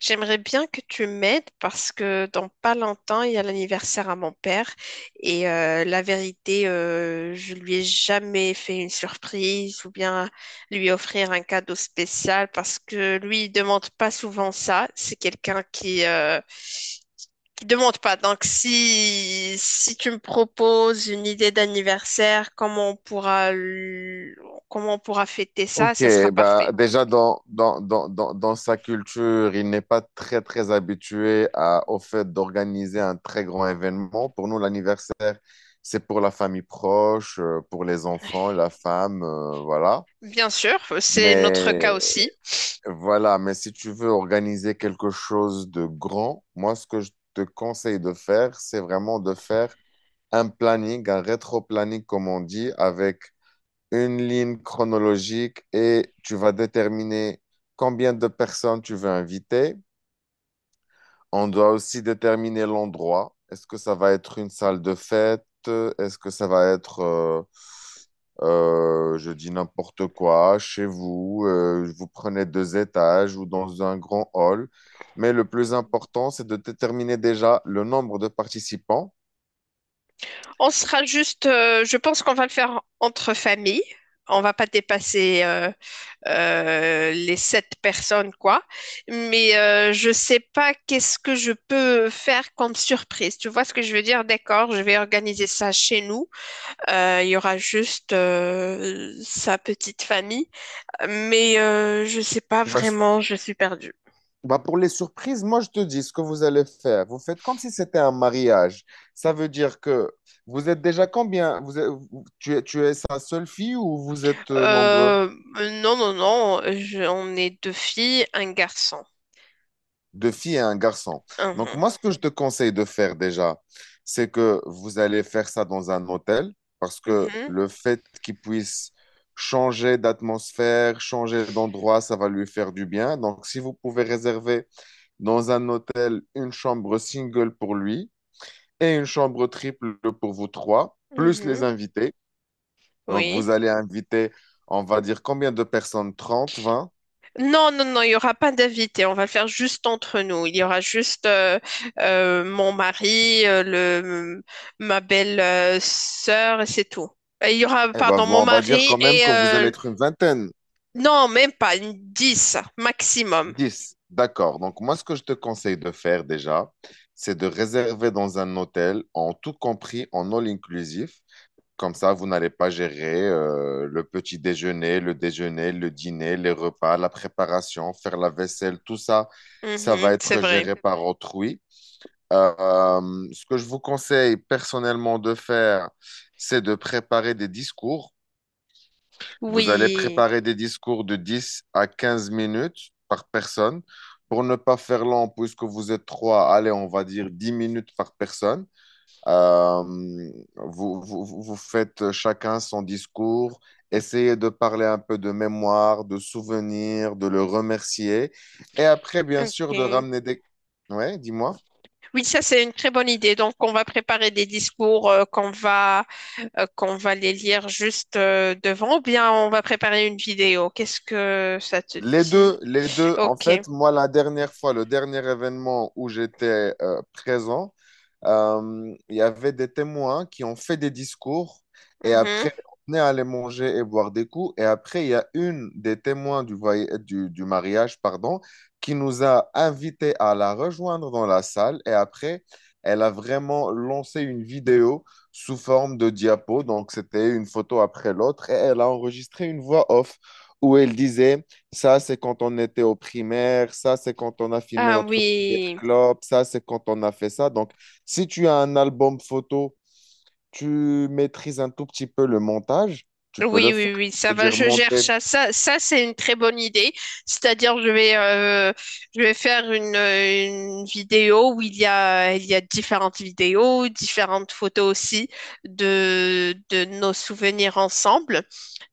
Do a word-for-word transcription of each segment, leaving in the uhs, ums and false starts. J'aimerais bien que tu m'aides parce que dans pas longtemps, il y a l'anniversaire à mon père et euh, la vérité, euh, je lui ai jamais fait une surprise ou bien lui offrir un cadeau spécial parce que lui, il demande pas souvent ça. C'est quelqu'un qui euh, qui demande pas. Donc si si tu me proposes une idée d'anniversaire, comment on pourra l- comment on pourra fêter ça, Ok, ça sera bah parfait. déjà dans, dans, dans, dans, dans sa culture, il n'est pas très très habitué à, au fait d'organiser un très grand événement. Pour nous, l'anniversaire, c'est pour la famille proche, euh, pour les enfants, la femme, euh, voilà. Bien sûr, c'est notre cas Mais aussi. voilà, mais si tu veux organiser quelque chose de grand, moi, ce que je te conseille de faire, c'est vraiment de faire un planning, un rétro-planning, comme on dit, avec une ligne chronologique et tu vas déterminer combien de personnes tu veux inviter. On doit aussi déterminer l'endroit. Est-ce que ça va être une salle de fête? Est-ce que ça va être, euh, euh, je dis n'importe quoi, chez vous? euh, vous prenez deux étages ou dans un grand hall. Mais le plus important, c'est de déterminer déjà le nombre de participants. On sera juste, euh, je pense qu'on va le faire entre familles. On va pas dépasser euh, euh, les sept personnes, quoi. Mais euh, je sais pas qu'est-ce que je peux faire comme surprise. Tu vois ce que je veux dire? D'accord, je vais organiser ça chez nous. Euh, Il y aura juste euh, sa petite famille. Mais euh, je sais pas Bah, vraiment, je suis perdue. Bah pour les surprises, moi je te dis ce que vous allez faire. Vous faites comme si c'était un mariage. Ça veut dire que vous êtes déjà combien? Vous êtes- vous- tu es, tu es sa seule fille ou vous êtes euh, nombreux? Euh, non, non, non, je- on est deux filles, un garçon. Deux filles et un garçon. Donc Mhm. moi ce que je te conseille de faire déjà, c'est que vous allez faire ça dans un hôtel parce que Mhm. le fait qu'il puisse changer d'atmosphère, changer d'endroit, ça va lui faire du bien. Donc si vous pouvez réserver dans un hôtel une chambre single pour lui. Et une chambre triple pour vous trois, plus les Mhm. invités. Donc, vous Oui. allez inviter, on va dire combien de personnes? Trente, vingt? Non, non, non, il n'y aura pas d'invité. On va le faire juste entre nous. Il y aura juste euh, euh, mon mari, euh, le, ma belle euh, sœur, et c'est tout. Et Il y aura, Eh ben, pardon, vous, mon on va dire mari quand même et... que vous allez euh, être une vingtaine. non, même pas, une dix maximum. Dix. D'accord. Donc, moi, ce que je te conseille de faire déjà, c'est de réserver dans un hôtel, en tout compris, en all inclusif. Comme ça, vous n'allez pas gérer euh, le petit déjeuner, le déjeuner, le dîner, les repas, la préparation, faire la vaisselle, tout ça, ça va Mhm, c'est être vrai. géré par autrui. Euh, ce que je vous conseille personnellement de faire, c'est de préparer des discours. Vous allez Oui, préparer des discours de dix à quinze minutes par personne. Pour ne pas faire long, puisque vous êtes trois, allez, on va dire dix minutes par personne. Euh, vous, vous, vous faites chacun son discours. Essayez de parler un peu de mémoire, de souvenirs, de le remercier. Et après, bien ok. sûr, de ramener des. Ouais, dis-moi. Oui, ça, c'est une très bonne idée. Donc, on va préparer des discours euh, qu'on va, euh, qu'on va les lire juste euh, devant ou bien on va préparer une vidéo. Qu'est-ce que ça te Les dit? deux, les deux. En Ok. fait, moi, la dernière fois, le dernier événement où j'étais euh, présent, euh, il y avait des témoins qui ont fait des discours et après, Mhm. on est allé manger et boire des coups. Et après, il y a une des témoins du, voy- du, du mariage, pardon, qui nous a invités à la rejoindre dans la salle. Et après, elle a vraiment lancé une vidéo sous forme de diapo. Donc, c'était une photo après l'autre. Et elle a enregistré une voix off où elle disait: ça, c'est quand on était au primaire, ça, c'est quand on a filmé Ah notre première oui. clope, ça, c'est quand on a fait ça. Donc, si tu as un album photo, tu maîtrises un tout petit peu le montage, tu peux Oui, le faire. oui, oui, Tu ça peux va, dire je gère monter. ça. Ça, ça c'est une très bonne idée. C'est-à-dire, je vais, euh, je vais faire une, euh, une vidéo où il y a, il y a différentes vidéos, différentes photos aussi de, de nos souvenirs ensemble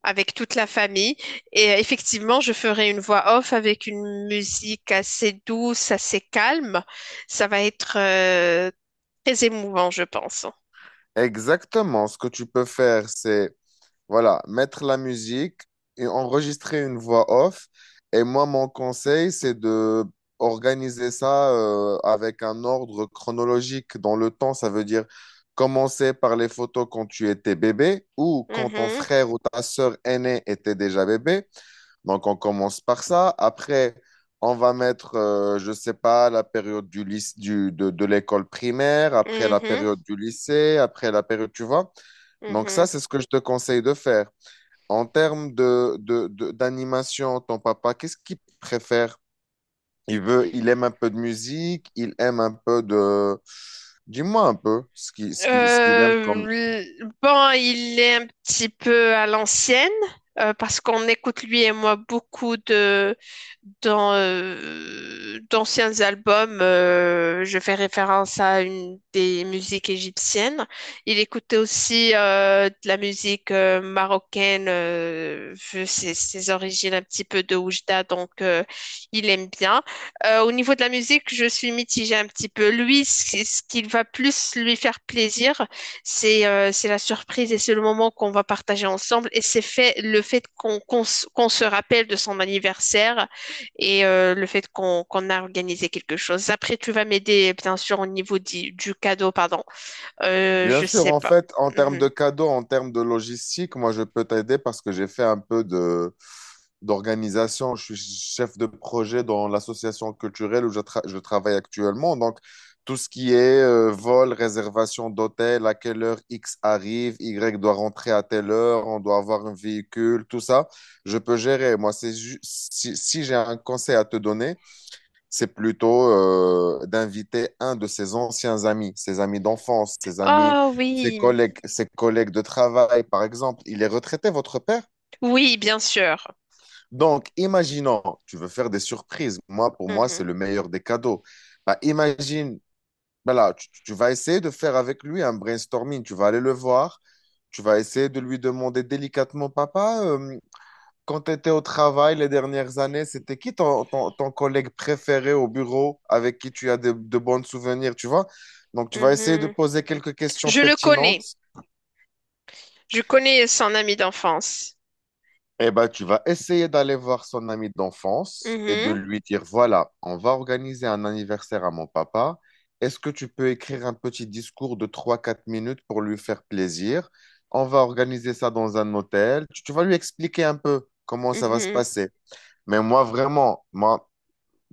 avec toute la famille. Et euh, effectivement, je ferai une voix off avec une musique assez douce, assez calme. Ça va être, euh, très émouvant, je pense. Exactement. Ce que tu peux faire, c'est voilà, mettre la musique et enregistrer une voix off. Et moi, mon conseil, c'est de organiser ça euh, avec un ordre chronologique dans le temps. Ça veut dire commencer par les photos quand tu étais bébé ou quand ton Mhm. frère ou ta sœur aînée était déjà bébé. Donc, on commence par ça. Après, on va mettre, euh, je ne sais pas, la période du lyc- du, de, de l'école primaire, après la Mhm, période du lycée, après la période, tu vois. Donc, ça, mhm. c'est ce que je te conseille de faire. En termes de, de- de- d'animation, ton papa, qu'est-ce qu'il préfère? Il veut, il aime un peu de musique, il aime un peu de. Dis-moi un peu ce qui, ce qui, ce qu'il aime Euh, comme. l- bon, il est un petit peu à l'ancienne euh, parce qu'on écoute lui et moi beaucoup de dans, euh, d'anciens albums. Euh, je fais référence à une des musiques égyptiennes. Il écoutait aussi euh, de la musique euh, marocaine, euh, vu ses, ses origines un petit peu de Oujda, donc euh, il aime bien. Euh, au niveau de la musique, je suis mitigée un petit peu. Lui, c- ce qui va plus lui faire plaisir, c'est euh, c'est la surprise et c'est le moment qu'on va partager ensemble. Et c'est fait le fait qu'on qu'on s- qu'on se rappelle de son anniversaire et euh, le fait qu'on qu'on a organisé quelque chose. Après, tu vas m'aider, bien sûr, au niveau di- du cadeau, pardon. Euh, Bien je sûr, sais en pas. fait, en termes Mhm. de cadeaux, en termes de logistique, moi, je peux t'aider parce que j'ai fait un peu de d'organisation, je suis chef de projet dans l'association culturelle où je, tra- je travaille actuellement. Donc, tout ce qui est euh, vol, réservation d'hôtel, à quelle heure X arrive, Y doit rentrer à telle heure, on doit avoir un véhicule, tout ça, je peux gérer. Moi, c'est ju- si, si j'ai un conseil à te donner, c'est plutôt euh, d'inviter un de ses anciens amis, ses amis d'enfance, ses amis, Oh ses oui, collègues, ses collègues de travail, par exemple. Il est retraité, votre père? oui, bien sûr. Donc, imaginons, tu veux faire des surprises. Moi, pour moi, Mhm. c'est le meilleur des cadeaux. Bah, imagine, voilà, tu, tu vas essayer de faire avec lui un brainstorming. Tu vas aller le voir. Tu vas essayer de lui demander délicatement, papa, euh, quand tu étais au travail les dernières années, c'était qui ton, ton- ton collègue préféré au bureau avec qui tu as de, de bons souvenirs, tu vois? Donc, tu vas essayer de Mhm. poser quelques questions Je le connais. pertinentes. Je connais son ami d'enfance. Eh ben, tu vas essayer d'aller voir son ami d'enfance et de Mhm. lui dire, voilà, on va organiser un anniversaire à mon papa. Est-ce que tu peux écrire un petit discours de trois quatre minutes pour lui faire plaisir? On va organiser ça dans un hôtel. Tu, tu vas lui expliquer un peu comment ça va se Mhm. passer. Mais moi, vraiment, moi,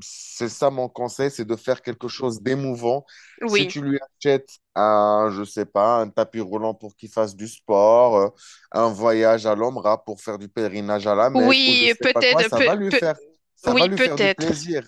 c'est ça mon conseil, c'est de faire quelque chose d'émouvant. Si Oui, tu lui achètes un, je sais pas, un tapis roulant pour qu'il fasse du sport, euh, un voyage à l'Omra pour faire du pèlerinage à la Mecque ou je oui, sais pas quoi, peut-être, ça va peut- lui peut- faire, ça va oui, lui faire du peut-être. plaisir.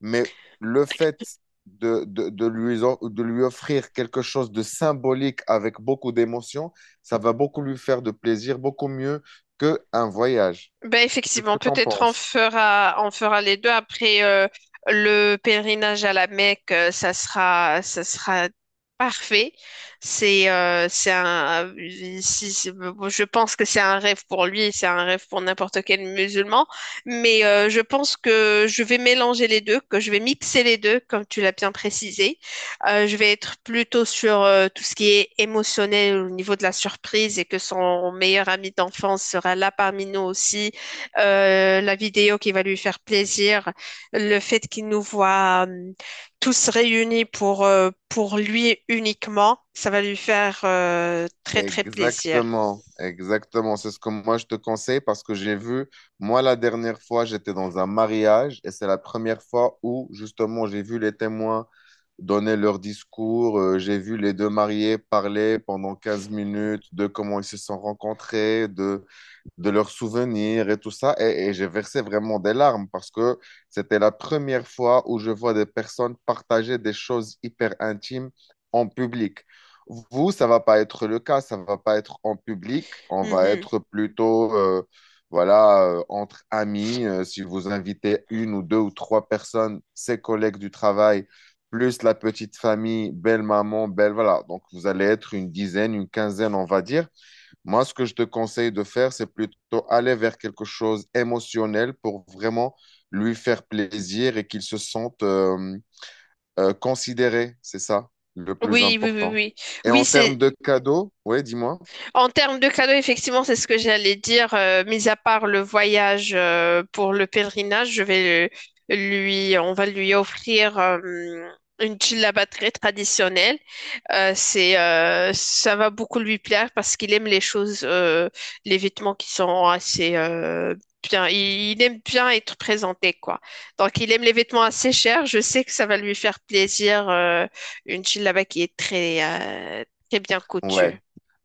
Mais le fait de, de, de lui, en- de lui offrir quelque chose de symbolique avec beaucoup d'émotion, ça va beaucoup lui faire de plaisir, beaucoup mieux qu'un voyage. Ben Qu'est-ce effectivement, que tu en peut-être on penses? fera, on fera les deux. Après, euh, le pèlerinage à la Mecque, euh, ça sera, ça sera parfait. C'est, euh, c'est un, si- si- bon, je pense que c'est un rêve pour lui, et c'est un rêve pour n'importe quel musulman. Mais euh, je pense que je vais mélanger les deux, que je vais mixer les deux, comme tu l'as bien précisé. Euh, je vais être plutôt sur euh, tout ce qui est émotionnel au niveau de la surprise et que son meilleur ami d'enfance sera là parmi nous aussi euh, la vidéo qui va lui faire plaisir, le fait qu'il nous voit euh, tous réunis pour, euh, pour lui uniquement, ça va lui faire euh, très très plaisir. Exactement, exactement. C'est ce que moi je te conseille parce que j'ai vu, moi la dernière fois, j'étais dans un mariage et c'est la première fois où justement j'ai vu les témoins donner leur discours, euh, j'ai vu les deux mariés parler pendant quinze minutes de comment ils se sont rencontrés, de de leurs souvenirs et tout ça. Et, et j'ai versé vraiment des larmes parce que c'était la première fois où je vois des personnes partager des choses hyper intimes en public. Vous, ça va pas être le cas, ça va pas être en public, on va Mhm. être plutôt euh, voilà, euh, entre amis, euh, si vous invitez une ou deux ou trois personnes, ses collègues du travail, plus la petite famille, belle maman, belle, voilà. Donc, vous allez être une dizaine, une quinzaine, on va dire. Moi, ce que je te conseille de faire, c'est plutôt aller vers quelque chose émotionnel pour vraiment lui faire plaisir et qu'il se sente euh, euh, considéré. C'est ça le plus Oui, oui, oui, important. oui. Et Oui, en c'est termes de cadeaux, oui, dis-moi. en termes de cadeaux, effectivement, c'est ce que j'allais dire. Euh, mis à part le voyage euh, pour le pèlerinage, je vais le- lui, on va lui offrir euh, une djellaba très traditionnelle. Euh, c'est, euh, ça va beaucoup lui plaire parce qu'il aime les choses, euh, les vêtements qui sont assez euh, bien. Il, il aime bien être présenté, quoi. Donc, il aime les vêtements assez chers. Je sais que ça va lui faire plaisir. Euh, une djellaba qui est très, euh, très bien Ouais. coutue.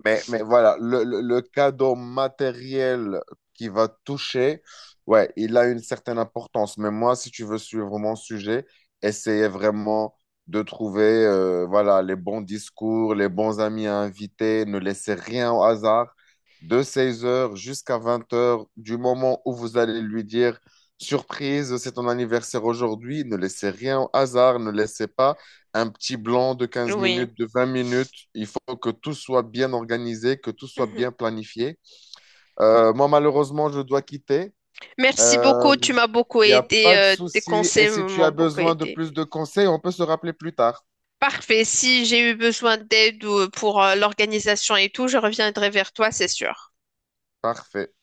Mais, mais voilà, le, le- le cadeau matériel qui va toucher, ouais, il a une certaine importance. Mais moi, si tu veux suivre mon sujet, essayez vraiment de trouver euh, voilà, les bons discours, les bons amis à inviter. Ne laissez rien au hasard. De seize heures jusqu'à vingt heures du moment où vous allez lui dire, surprise, c'est ton anniversaire aujourd'hui, ne laissez rien au hasard, ne laissez pas un petit blanc de quinze Oui. minutes, de vingt minutes. Il faut que tout soit bien organisé, que tout soit Mhm. bien planifié. Euh, moi, malheureusement, je dois quitter. Merci Euh, beaucoup, tu m'as beaucoup Il n'y a aidé, pas de euh, tes souci. Et conseils si tu m'ont as beaucoup besoin de aidé. plus de conseils, on peut se rappeler plus tard. Parfait, si j'ai eu besoin d'aide ou euh, pour euh, l'organisation et tout, je reviendrai vers toi, c'est sûr. Parfait.